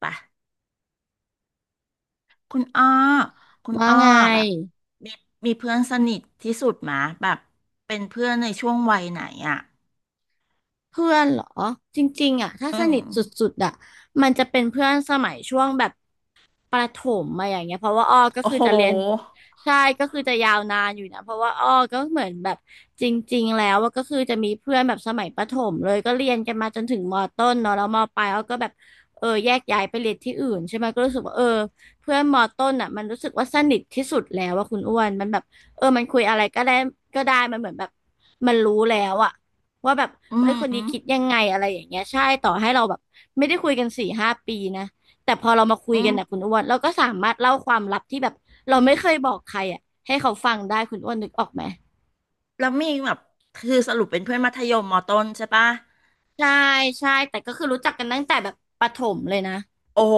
ปะคุณอ้อคุณว่าอ้อไงแบบมีมีเพื่อนสนิทที่สุดมาแบบเป็นเพื่อนในช่วงวัยไหนอ่ะเพื่อนเหรอจริงๆอ่ะถ้าอืสนิมทสุดๆอ่ะมันจะเป็นเพื่อนสมัยช่วงแบบ ประถมมาอย่างเงี้ยเพราะว่าอ้อก็โอ้คือโหจะเรียน ใช่ก็คือจะยาวนานอยู่นะเพราะว่าอ้อก็เหมือนแบบจริงๆแล้วว่าก็คือจะมีเพื่อนแบบสมัยประถมเลยก็เรียนกันมาจนถึงมต้นเนาะแล้วมปลายอ้อก็แบบเออแยกย้ายไปเรียนที่อื่นใช่ไหมก็รู้สึกว่าเออเพื่อนมต้นอ่ะมันรู้สึกว่าสนิทที่สุดแล้วว่าคุณอ้วนมันแบบเออมันคุยอะไรก็ได้ก็ได้มันเหมือนแบบมันรู้แล้วอะว่าแบบอืเอ้ยคนนี้มคิดยังไงอะไรอย่างเงี้ยใช่ต่อให้เราแบบไม่ได้คุยกันสี่ห้าปีนะ แต่พอเรามาคุยอืกันนะคุมณอ้วนเราก็สามารถเล่าความลับที่แบบเราไม่เคยบอกใครอ่ะให้เขาฟังได้คุณอ้วนนึกออกไหมแล้วมีแบบคือสรุปเป็นเพื่อนมัธยมมอต้นใช่ปะใช่ใช่แต่ก็คือรู้จักกันตั้งแต่แบบประถมเลยนะโอ้โห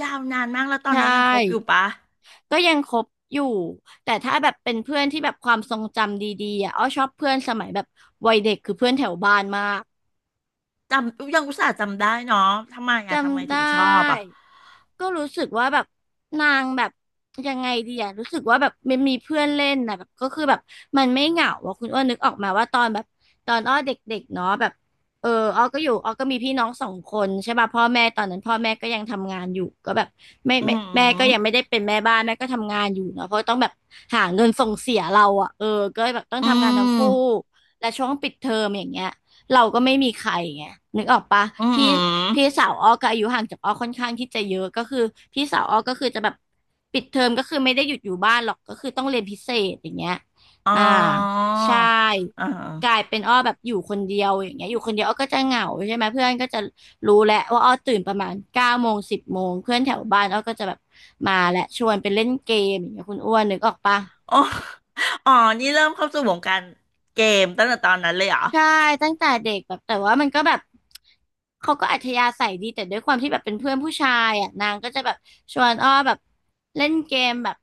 ยาวนานมากแล้วตอใชนนี้ยังคบอยู่่ปะก็ยังคบอยู่แต่ถ้าแบบเป็นเพื่อนที่แบบความทรงจำดีๆอ่ะอ้อชอบเพื่อนสมัยแบบวัยเด็กคือเพื่อนแถวบ้านมาก จำยังอุตส่าห์จำได้เนาะทำไมอ่ะทำไมจำไดถึงชอบอ่ะ้ก็รู้สึกว่าแบบนางแบบยังไงดีอะรู้สึกว่าแบบมันมีเพื่อนเล่นนะแบบก็คือแบบมันไม่เหงาอะคุณอ้วนนึกออกมาว่าตอนแบบตอนอ้อเด็กๆเนาะแบบเอออ้อก็อยู่อ้อก็มีพี่น้องสองคนใช่ป่ะพ่อแม่ตอนนั้นพ่อแม่ก็ยังทำงานอยู่ก็แบบไม่อืไม่แม่ก็ยังมไม่ได้เป็นแม่บ้านแม่ก็ทำงานอยู่เนาะเพราะต้องแบบหาเงินส่งเสียเราอะเออก็แบบต้องอืทำงานทั้งมคู่และช่วงปิดเทอมอย่างเงี้ย เราก็ไม่มีใครไงนึกออกปะอืมพี่อมพี่สาวอ้อก็อายุห่างจากอ้อค่อนข้างที่จะเยอะก็คือพี่สาวอ้อก็คือจะแบบปิดเทอมก็คือไม่ได้หยุดอยู่บ้านหรอกก็คือต้องเรียนพิเศษอย่างเงี้ยอ๋ออ่าใช่เอ่า กลายเป็นอ้อแบบอยู่คนเดียวอย่างเงี้ยอยู่คนเดียวอ้อก็จะเหงาใช่ไหมเพื่อนก็จะรู้แหละว่าอ้อตื่นประมาณเก้าโมงสิบโมงเพื่อนแถวบ้านอ้อก็จะแบบมาและชวนไปเล่นเกมอย่างเงี้ยคุณอ้วนนึกออกปะ อ๋ออ๋อนี่เริ่มเข้าสู่วงการเกมตั้งแต่ตอนนั้นเลยเหรอใช่ตั้งแต่เด็กแบบแต่ว่ามันก็แบบเขาก็อัธยาศัยดีแต่ด้วยความที่แบบเป็นเพื่อนผู้ชายอ่ะนางก็จะแบบชวนอ้อแบบเล่นเกมแบบ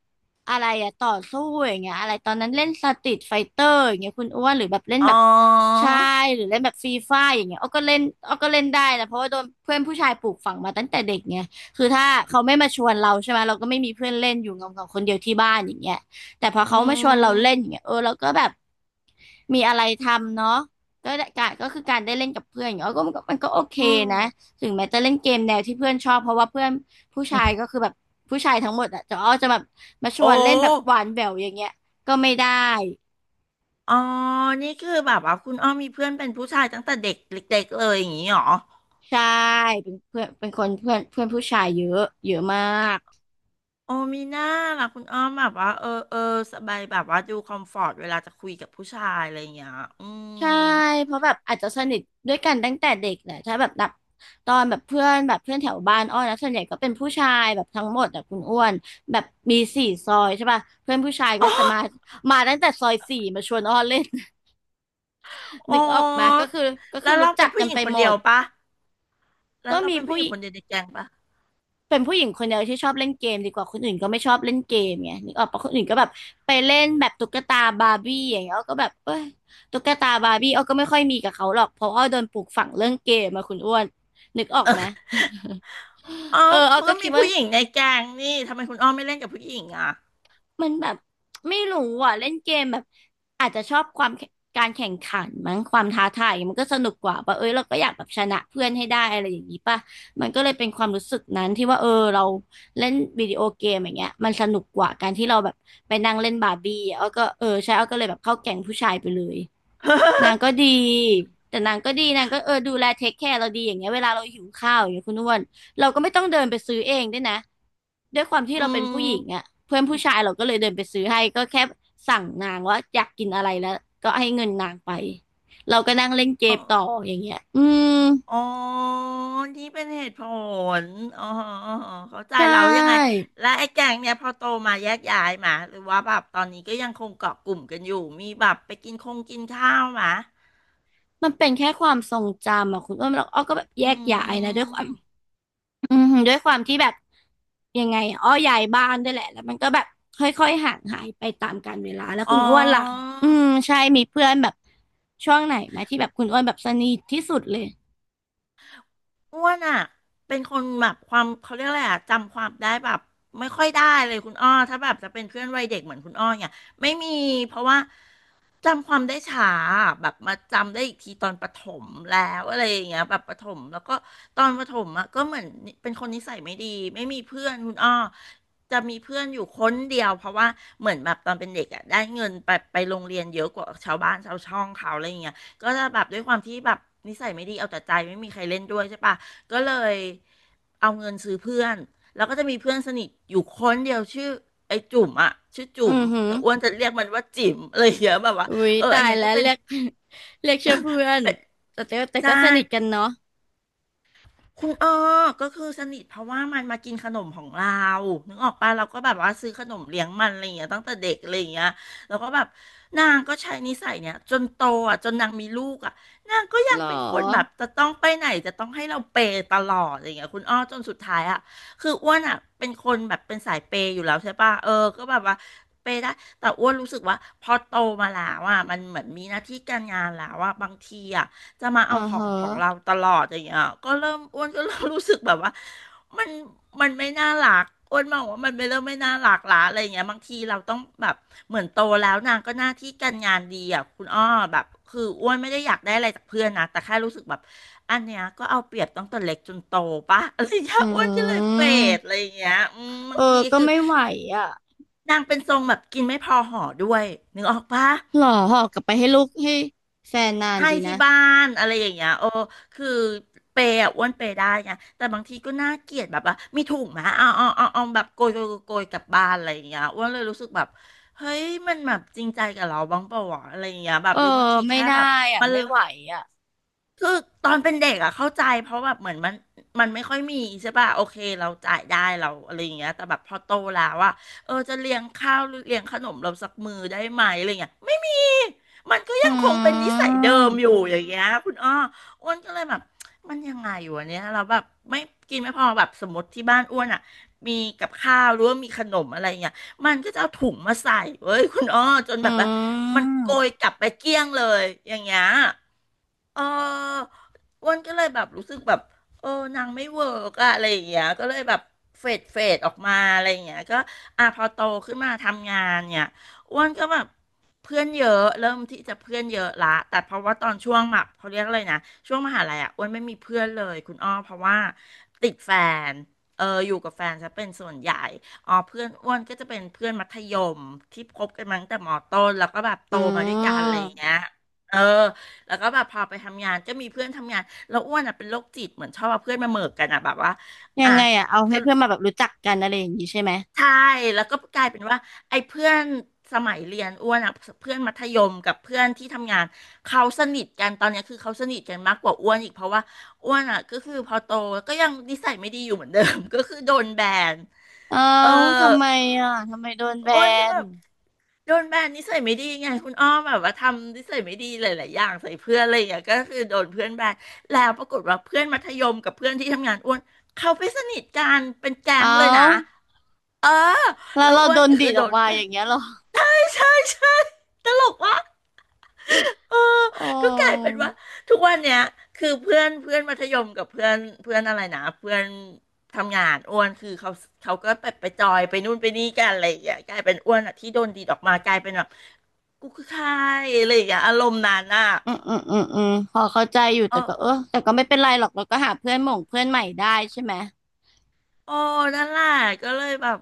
อะไรอ่ะต่อสู้อย่างเงี้ยอะไรตอนนั้นเล่นสตรีทไฟเตอร์อย่างเงี้ยคุณอ้วนหรือแบบเล่นอ๋อแบบใช่หรือเล่นแบบฟรีไฟร์อย่างเงี้ยอ้อก็เล่นอ้อก็เล่นได้นะเพราะว่าโดนเพื่อนผู้ชายปลูกฝังมาตั้งแต่เด็กไงคือถ้าเขาไม่มาชวนเราใช่ไหมเราก็ไม่มีเพื่อนเล่นอยู่เงาๆคนเดียวที่บ้านอย่างเงี้ยแต่พออืเขามาชวนเราเล่มนอย่างเงี้ยเออเราก็แบบ มีอะไรทำเนาะก็ได้การก็คือการได้เล่นกับเพื่อนอย่างเงี้ยก็มันก็โอเคอืมนะถึงแม้จะเล่นเกมแนวที่เพื่อนชอบเพราะว่าเพื่อนผู้ชายก็คือแบบผู้ชายทั้งหมดอะจะอ้อจะแบบมาชโอวนเล่นแบบห้วานแหววอย่างเงี้ยก็ไม่ได้อ๋อนี่คือแบบว่าคุณอ้อมมีเพื่อนเป็นผู้ชายตั้งแต่เด็กเล็กๆเลยอย่างนี้เหรอใช่เป็นเพื่อนเป็นคนเพื่อนเพื่อนผู้ชายเยอะเยอะมาก โอ้มีหน้าล่ะคุณอ้อมแบบว่าเออเออสบายแบบว่าดูคอมฟอร์ตเวลาจะคุยกับผู้ชายอะไรอย่างเงี้ยอืใช่ มเพราะแบบอาจจะสนิทด้วยกันตั้งแต่เด็กแหละถ้าแบบนับตอนแบบเพื่อนแบบเพื่อนแถวบ้านอ้อนะส่วนใหญ่ก็เป็นผู้ชายแบบทั้งหมดอะคุณอ้วนแบบมีสี่ซอยใช่ป่ะเพื่อนผู้ชายก็จะมาตั้งแต่ซอยสี่มาชวนอ้อเล่น อ๋นึกออกมาก็อคือก็แล้คือวรู้เราจัเป็นกผู้กัหนญิไปงคนหมเดียด วปะแล้วก็เรามีเป็นผู้ผู้ หญิงคนเดียวในแก๊งปะ เป็นผู้หญิงคนเดียวที่ชอบเล่นเกมดีกว่าคนอื่นก็ไม่ชอบเล่นเกมไงนึกออกปะคนอื่นก็แบบไปเล่นแบบตุ๊กตาบาร์บี้อย่างเงี้ยอ้อก็แบบเอ้ยตุ๊กตาบาร์บี้อ้อก็ไม่ค่อยมีกับเขาหรอกเพราะอ้อโดนปลูกฝังเรื่องเกมมาคุณอ้วนนึกออกไหม อ๋อเอออ้อเขาก็ก็คิมีดว่า ผู้หญิงในแก๊งนี่ทำไมคุณอ้อมไม่เล่นกับผู้หญิงอ่ะ มันแบบไม่รู้อ่ะเล่นเกมแบบอาจจะชอบความการแข่งขันมั้งความท้าทายมันก็สนุกกว่าป่ะเอ้ยเราก็อยากแบบชนะเพื่อนให้ได้อะไรอย่างนี้ป่ะมันก็เลยเป็นความรู้สึกนั้นที่ว่าเออเราเล่นวิดีโอเกมอย่างเงี้ยมันสนุกกว่าการที่เราแบบไปนั่งเล่นบาร์บี้อ้อก็เออใช่อ้อก็เลยแบบเข้าแก๊งผู้ชายไปเลย นาง ก็ดี แต่นางก็ดี นางก็เออดูแลเทคแคร์เราดีอย่างเงี้ยเวลาเราหิวข้าวอย่างเงี้ยคุณอ้วนเราก็ไม่ต้องเดินไปซื้อเองด้วยนะด้วยความที่อืเราเป็นผู้หญิงมอ่ะเพื่อนผู้ชายเราก็เลยเดินไปซื้อให้ ก็แค่สั่งนางว่าอยากกินอะไรแล้ว ก็ให้เงินนางไป เราก็นั่งเล่นเกอ๋อมต่ออย่างเงี้ยอืมอ๋อนี่เป็นเหตุผลอ๋ออออ๋อเข้าใจใช่ เรายังไง และไอ้แก๊งเนี่ยพอโตมาแยกย้ายมาหรือว่าแบบตอนนี้ก็ยังคงเกาะกลุ่มกันอยู่มีแบบไปกินคงกินข้าวมามันเป็นแค่ความทรงจำอ่ะคุณอ้วนเราอ้อก็แบบแยอืกย้ายนะด้วยความ มอืมด้วยความที่แบบยังไงอะอ้อย้ายบ้านด้วยแหละแล้วมันก็แบบค่อยๆห่างหายไปตามกาลเวลาแล้วอ๋อ คุณอ้วนล่ะอืมใช่มีเพื่อนแบบช่วงไหนไหมที่แบบคุณอ้วนแบบสนิทที่สุดเลยอ้วนอ่ะเป็นคนแบบความเขาเรียกอะไรอ่ะจำความได้แบบไม่ค่อยได้เลยคุณอ้อถ้าแบบจะเป็นเพื่อนวัยเด็กเหมือนคุณอ้อเนี่ยไม่มีเพราะว่า จำความได้ช้าแบบมาจำได้อีกทีตอนประถมแล้วอะไรอย่างเงี้ยแบบประถมแล้วก็ตอนประถมอะก็เหมือนเป็นคนนิสัยไม่ดีไม่มีเพื่อนคุณอ้อจะมีเพื่อนอยู่คนเดียวเพราะว่าเหมือนแบบตอนเป็นเด็กอะได้เงินไปโรงเรียนเยอะกว่าชาวบ้านชาวช่องเขาอะไรอย่างเงี้ยก็จะแบบด้วยความที่แบบนิสัยไม่ดีเอาแต่ใจไม่มีใครเล่นด้วยใช่ปะก็เลยเอาเงินซื้อเพื่อนแล้วก็จะมีเพื่อนสนิทอยู่คนเดียวชื่อไอ้จุ๋มอะชื่ออืจุ๋มอหือแต่อ้วนจะเรียกมันว่าจิ๋มอะไรอย่างเงี้ยแบบว่า อุ้ยเออตาอันยเนี้ยแล้ก็วเป็นเรียก เรียกชื่อเพื่อนเป็นแต่ใช่ก็สนิทกันเนาะคุณอ้อก็คือสนิทเพราะว่ามันมากินขนมของเรานึกออกปะเราก็แบบว่าซื้อขนมเลี้ยงมันอะไรอย่างเงี้ยตั้งแต่เด็กอะไรอย่างเงี้ยแล้วก็แบบนางก็ใช้นิสัยเนี้ยจนโตอ่ะจนนางมีลูกอ่ะนางก็ยัหรงอเป็นคนแบบจะต้องไปไหนจะต้องให้เราเปย์ตลอดอะไรอย่างเงี้ยคุณอ้อจนสุดท้ายอ่ะคืออ้วนอ่ะเป็นคนแบบเป็นสายเปย์อยู่แล้วใช่ปะเออก็แบบว่าเปย์ได้แต่อ้วนรู้สึกว่าพอโตมาแล้วอ่ะมันเหมือนมีหน้าที่การงานแล้วอ่ะบางทีอ่ะ จะมาอ่าเอาขฮองของเราะตลอดอย่างเงี้ยก็เริ่มอ้วนก็เริ่มรู้สึกแบบว่ามันมันไม่น่ารักอ้วนมองว่ามันไม่เริ่มไม่น่ารักละอะไรอย่างเงี้ยบางทีเราต้องแบบเหมือนโตแล้วนางก็หน้าที่การงานดีอ่ะคุณอ้อแบบคืออ้วนไม่ได้อยากได้อะไรจากเพื่อนนะแต่แค่รู้สึกแบบอันเนี้ยก็เอาเปรียบตั้งแต่เล็กจนโตปะอะไรอย่างเงี้ยอือ้วนก็เลยเฟมดอะไรอย่างเงี้ยอืมบาเอองทีก็คือไม่ไหวอ่ะนางเป็นทรงแบบกินไม่พอห่อด้วยนึกออกปะ หรอหอกลับไปให้ลูกให้แฟนนานให้ดีนะที่บ้านอะไรอย่างเงี้ยโอ้คือเปย์อะอ้วนเปย์ได้ไงแต่บางทีก็น่าเกลียดแบบว่ามีถุงไหมเอาแบบโกยกลับบ้านอะไรอย่างเงี้ยอ้วนเลยรู้สึกแบบเฮ้ยมันแบบจริงใจกับเราบ้างเปล่าวะอะไรอย่างเงี้ยแบเอบอหรือบางทีไม่แค่ได้แบบอ่ะมัน ไม่ไหวอ่ะ คือตอนเป็นเด็กอะเข้าใจเพราะแบบเหมือนมันไม่ค่อยมีใช่ป่ะโอเคเราจ่ายได้เราอะไรอย่างเงี้ยแต่แบบพอโตแล้วอะเออจะเลี้ยงข้าวหรือเลี้ยงขนมเราสักมื้อได้ไหมอะไรเงี้ยไม่มีมันก็อยังคงเป็นืนิสัยเดิมอยู่มอย่างเงี้ยคุณอ้ออ้วนก็เลยแบบมันยังไงอยู่เนี้ยเราแบบไม่กินไม่พอแบบสมมติที่บ้านอ้วนอะมีกับข้าวหรือว่ามีขนมอะไรเงี้ยมันก็จะเอาถุงมาใส่เว้ยคุณอ้อจนอืแบบว่ามันโกยกมลับไปเกลี้ยงเลยอย่างเงี้ย เอออ้วนก็เลยแบบรู้สึกแบบเออนางไม่เวิร์กอะอะไรอย่างเงี้ยก็เลยแบบเฟดออกมาอะไรอย่างเงี้ยก็อ่ะพอโตขึ้นมาทำงานเนี่ยอ้วนก็แบบเพื่อนเยอะเริ่มที่จะเพื่อนเยอะละแต่เพราะว่าตอนช่วงแบบเขาเรียกอะไรนะช่วงมหาลัยอะอ้วนไม่มีเพื่อนเลยคุณอ้อเพราะว่าติดแฟนเอออยู่กับแฟนจะเป็นส่วนใหญ่อ๋อเพื่อนอ้วนก็จะเป็นเพื่อนมัธยมที่คบกันมาตั้งแต่มต้นแล้วก็แบบโตอืมาด้วยกันอะไรอย่ามงเงี้ยเออ แล้วก็แบบพอไปทำงานก็มีเพื่อนทำงานแล้วอ้วนอ่ะเป็นโรคจิตเหมือนชอบเอาเพื่อนมาเหมิกกันอ่ะแบบว่ายัอ่ะงไงอะเอาสให้รุเพื่ปอนมาแบบรู้จักกันอะไรอย่างนี้ใช่ไหมใช่แล้วก็กลายเป็นว่าไอ้เพื่อนสมัยเรียนอ้วนอ่ะเพื่อนมัธยมกับเพื่อนที่ทำงานเขาสนิทกันตอนเนี้ยคือเขาสนิทกันมากกว่าอ้วนอีกเพราะว่าอ้วนอ่ะก็คือพอโตก็ยังนิสัยไม่ดีอยู่เหมือนเดิม ก็คือโดนแบนเอาเออ ทำไมอะทำไมโดนแบอ้วนก็นแบบโดนแบนนิสัยไม่ดีไงคุณอ้อมแบบว่าทำนิสัยไม่ดีหลายๆอย่างใส่เพื่อนอะไรอย่างเงี้ยก็คือโดนเพื่อนแบนแล้วปรากฏว่าเพื่อนมัธยมกับเพื่อนที่ทำงานอ้วนเขาไปสนิทกันเป็นแก๊เอางเลยนะเออแล้วแล้วเราอ้วโดนนก็ดีคือดโดออกนมาแบอนย่างเงี้ยเหรอใช่ใช่ใช่ตลกว่ะเออโอ้ก็กลายเป็นว่าทุกวันเนี้ยคือเพื่อนเพื่อนมัธยมกับเพื่อนเพื่อนอะไรนะเพื่อนทำงานอ้วนคือเขาเขาก็ไปจอยไปนู่นไปนี่กันอะไรอย่างเงี้ยกลายเป็นอ้วนอ่ะที่โดนดีดออกมากลายเป็นแบบ กูคือใครอะไรอย่างเงี้ยอารมณ์นั้นอ่ะอืมพอเข้าใจอยู่เอแต่ก็เอออแต่ก็ไม่เป็นไรหรอกเราก็หาเพื่อนหม่งเพื่อนใหม่ได้ใช่ไหมโอ้นั่นแหละก็เลยแบบ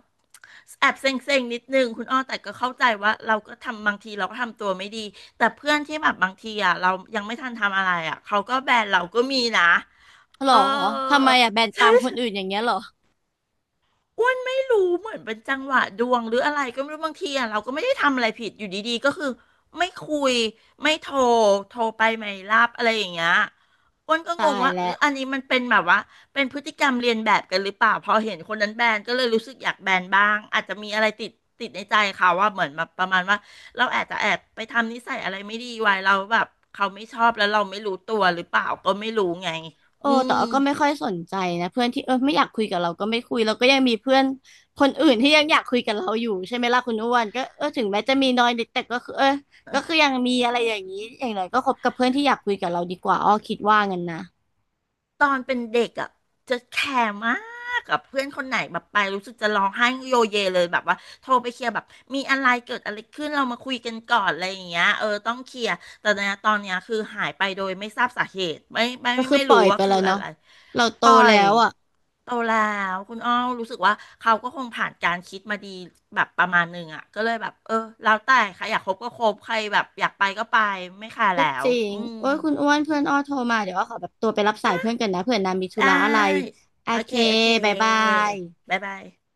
แอบเซ็งๆนิดนึงคุณอ้อแต่ก็เข้าใจว่าเราก็ทำบางทีเราก็ทำตัวไม่ดีแต่เพื่อนที่แบบบางทีอ่ะเรายังไม่ทันทำอะไรอ่ะเขาก็แบนเราก็มีนะหรเอออทำไมอะแบนตาใช่มคนอื่นๆ อย่างเงี้ยเหรออ้วนไม่รู้เหมือนเป็นจังหวะดวงหรืออะไรก็ไม่รู้บางทีอ่ะเราก็ไม่ได้ทำอะไรผิดอยู่ดีๆก็คือไม่คุยไม่โทรโทรไปไม่รับอะไรอย่างเงี้ยอ้วนก็งตางยว่าหแล้รืว ออันนี้มันเป็นแบบว่าเป็นพฤติกรรมเรียนแบบกันหรือเปล่าพอเห็นคนนั้นแบนก็เลยรู้สึกอยากแบนบ้างอาจจะมีอะไรติดในใจเขาว่าเหมือนแบบประมาณว่าเราอาจจะแอบไปทำนิสัยอะไรไม่ดีไว้เราแล้วแบบเขาไม่ชอบแล้วเราไม่รู้ตัวหรือเปล่าก็ไม่รู้ไงโอ้อืแต่ม ว่าก็ไม่ค่อยสนใจนะเพื่อนที่เออไม่อยากคุยกับเราก็ไม่คุยเราก็ยังมีเพื่อนคนอื่นที่ยังอยากคุยกับเราอยู่ใช่ไหมล่ะคุณอ้วนก็เออถึงแม้จะมีน้อยนิดแต่ก็คือเออก็คือยังมีอะไรอย่างนี้อย่างไรก็คบกับเพื่อนที่อยากคุยกับเราดีกว่าอ้อคิดว่างั้นนะตอนเป็นเด็กอ่ะจะแคร์มากกับเพื่อนคนไหนแบบไปรู้สึกจะร้องไห้โยเยเลยแบบว่าโทรไปเคลียร์แบบมีอะไรเกิดอะไรขึ้นเรามาคุยกันก่อนอะไรอย่างเงี้ยเออต้องเคลียร์แต่เนี่ยตอนเนี้ยคือหายไปโดยไม่ทราบสาเหตุก็คือไม่ปล่รู้อยว่าไปคืแล้อวอะเนาะไรเราโตปล่อแล้ยวอ่ะโตแล้วคุณอ้อรู้สึกว่าเขาก็คงผ่านการคิดมาดีแบบประมาณหนึ่งอ่ะก็เลยแบบเออแล้วแต่ใครอยากคบก็คบใครแบบอยากไปก็ไปไม่ค่ะก็แล้จวริงอืม โอ้ยคุณอ้วนเพื่อนอ้อโทรมาเดี๋ยวอ้อขอแบบตัวไปรับสายเพื่อนกันนะเผื่อนางมีธุไดระอะไร้โอโอเคเคโอเคบายบายบ๊ายบาย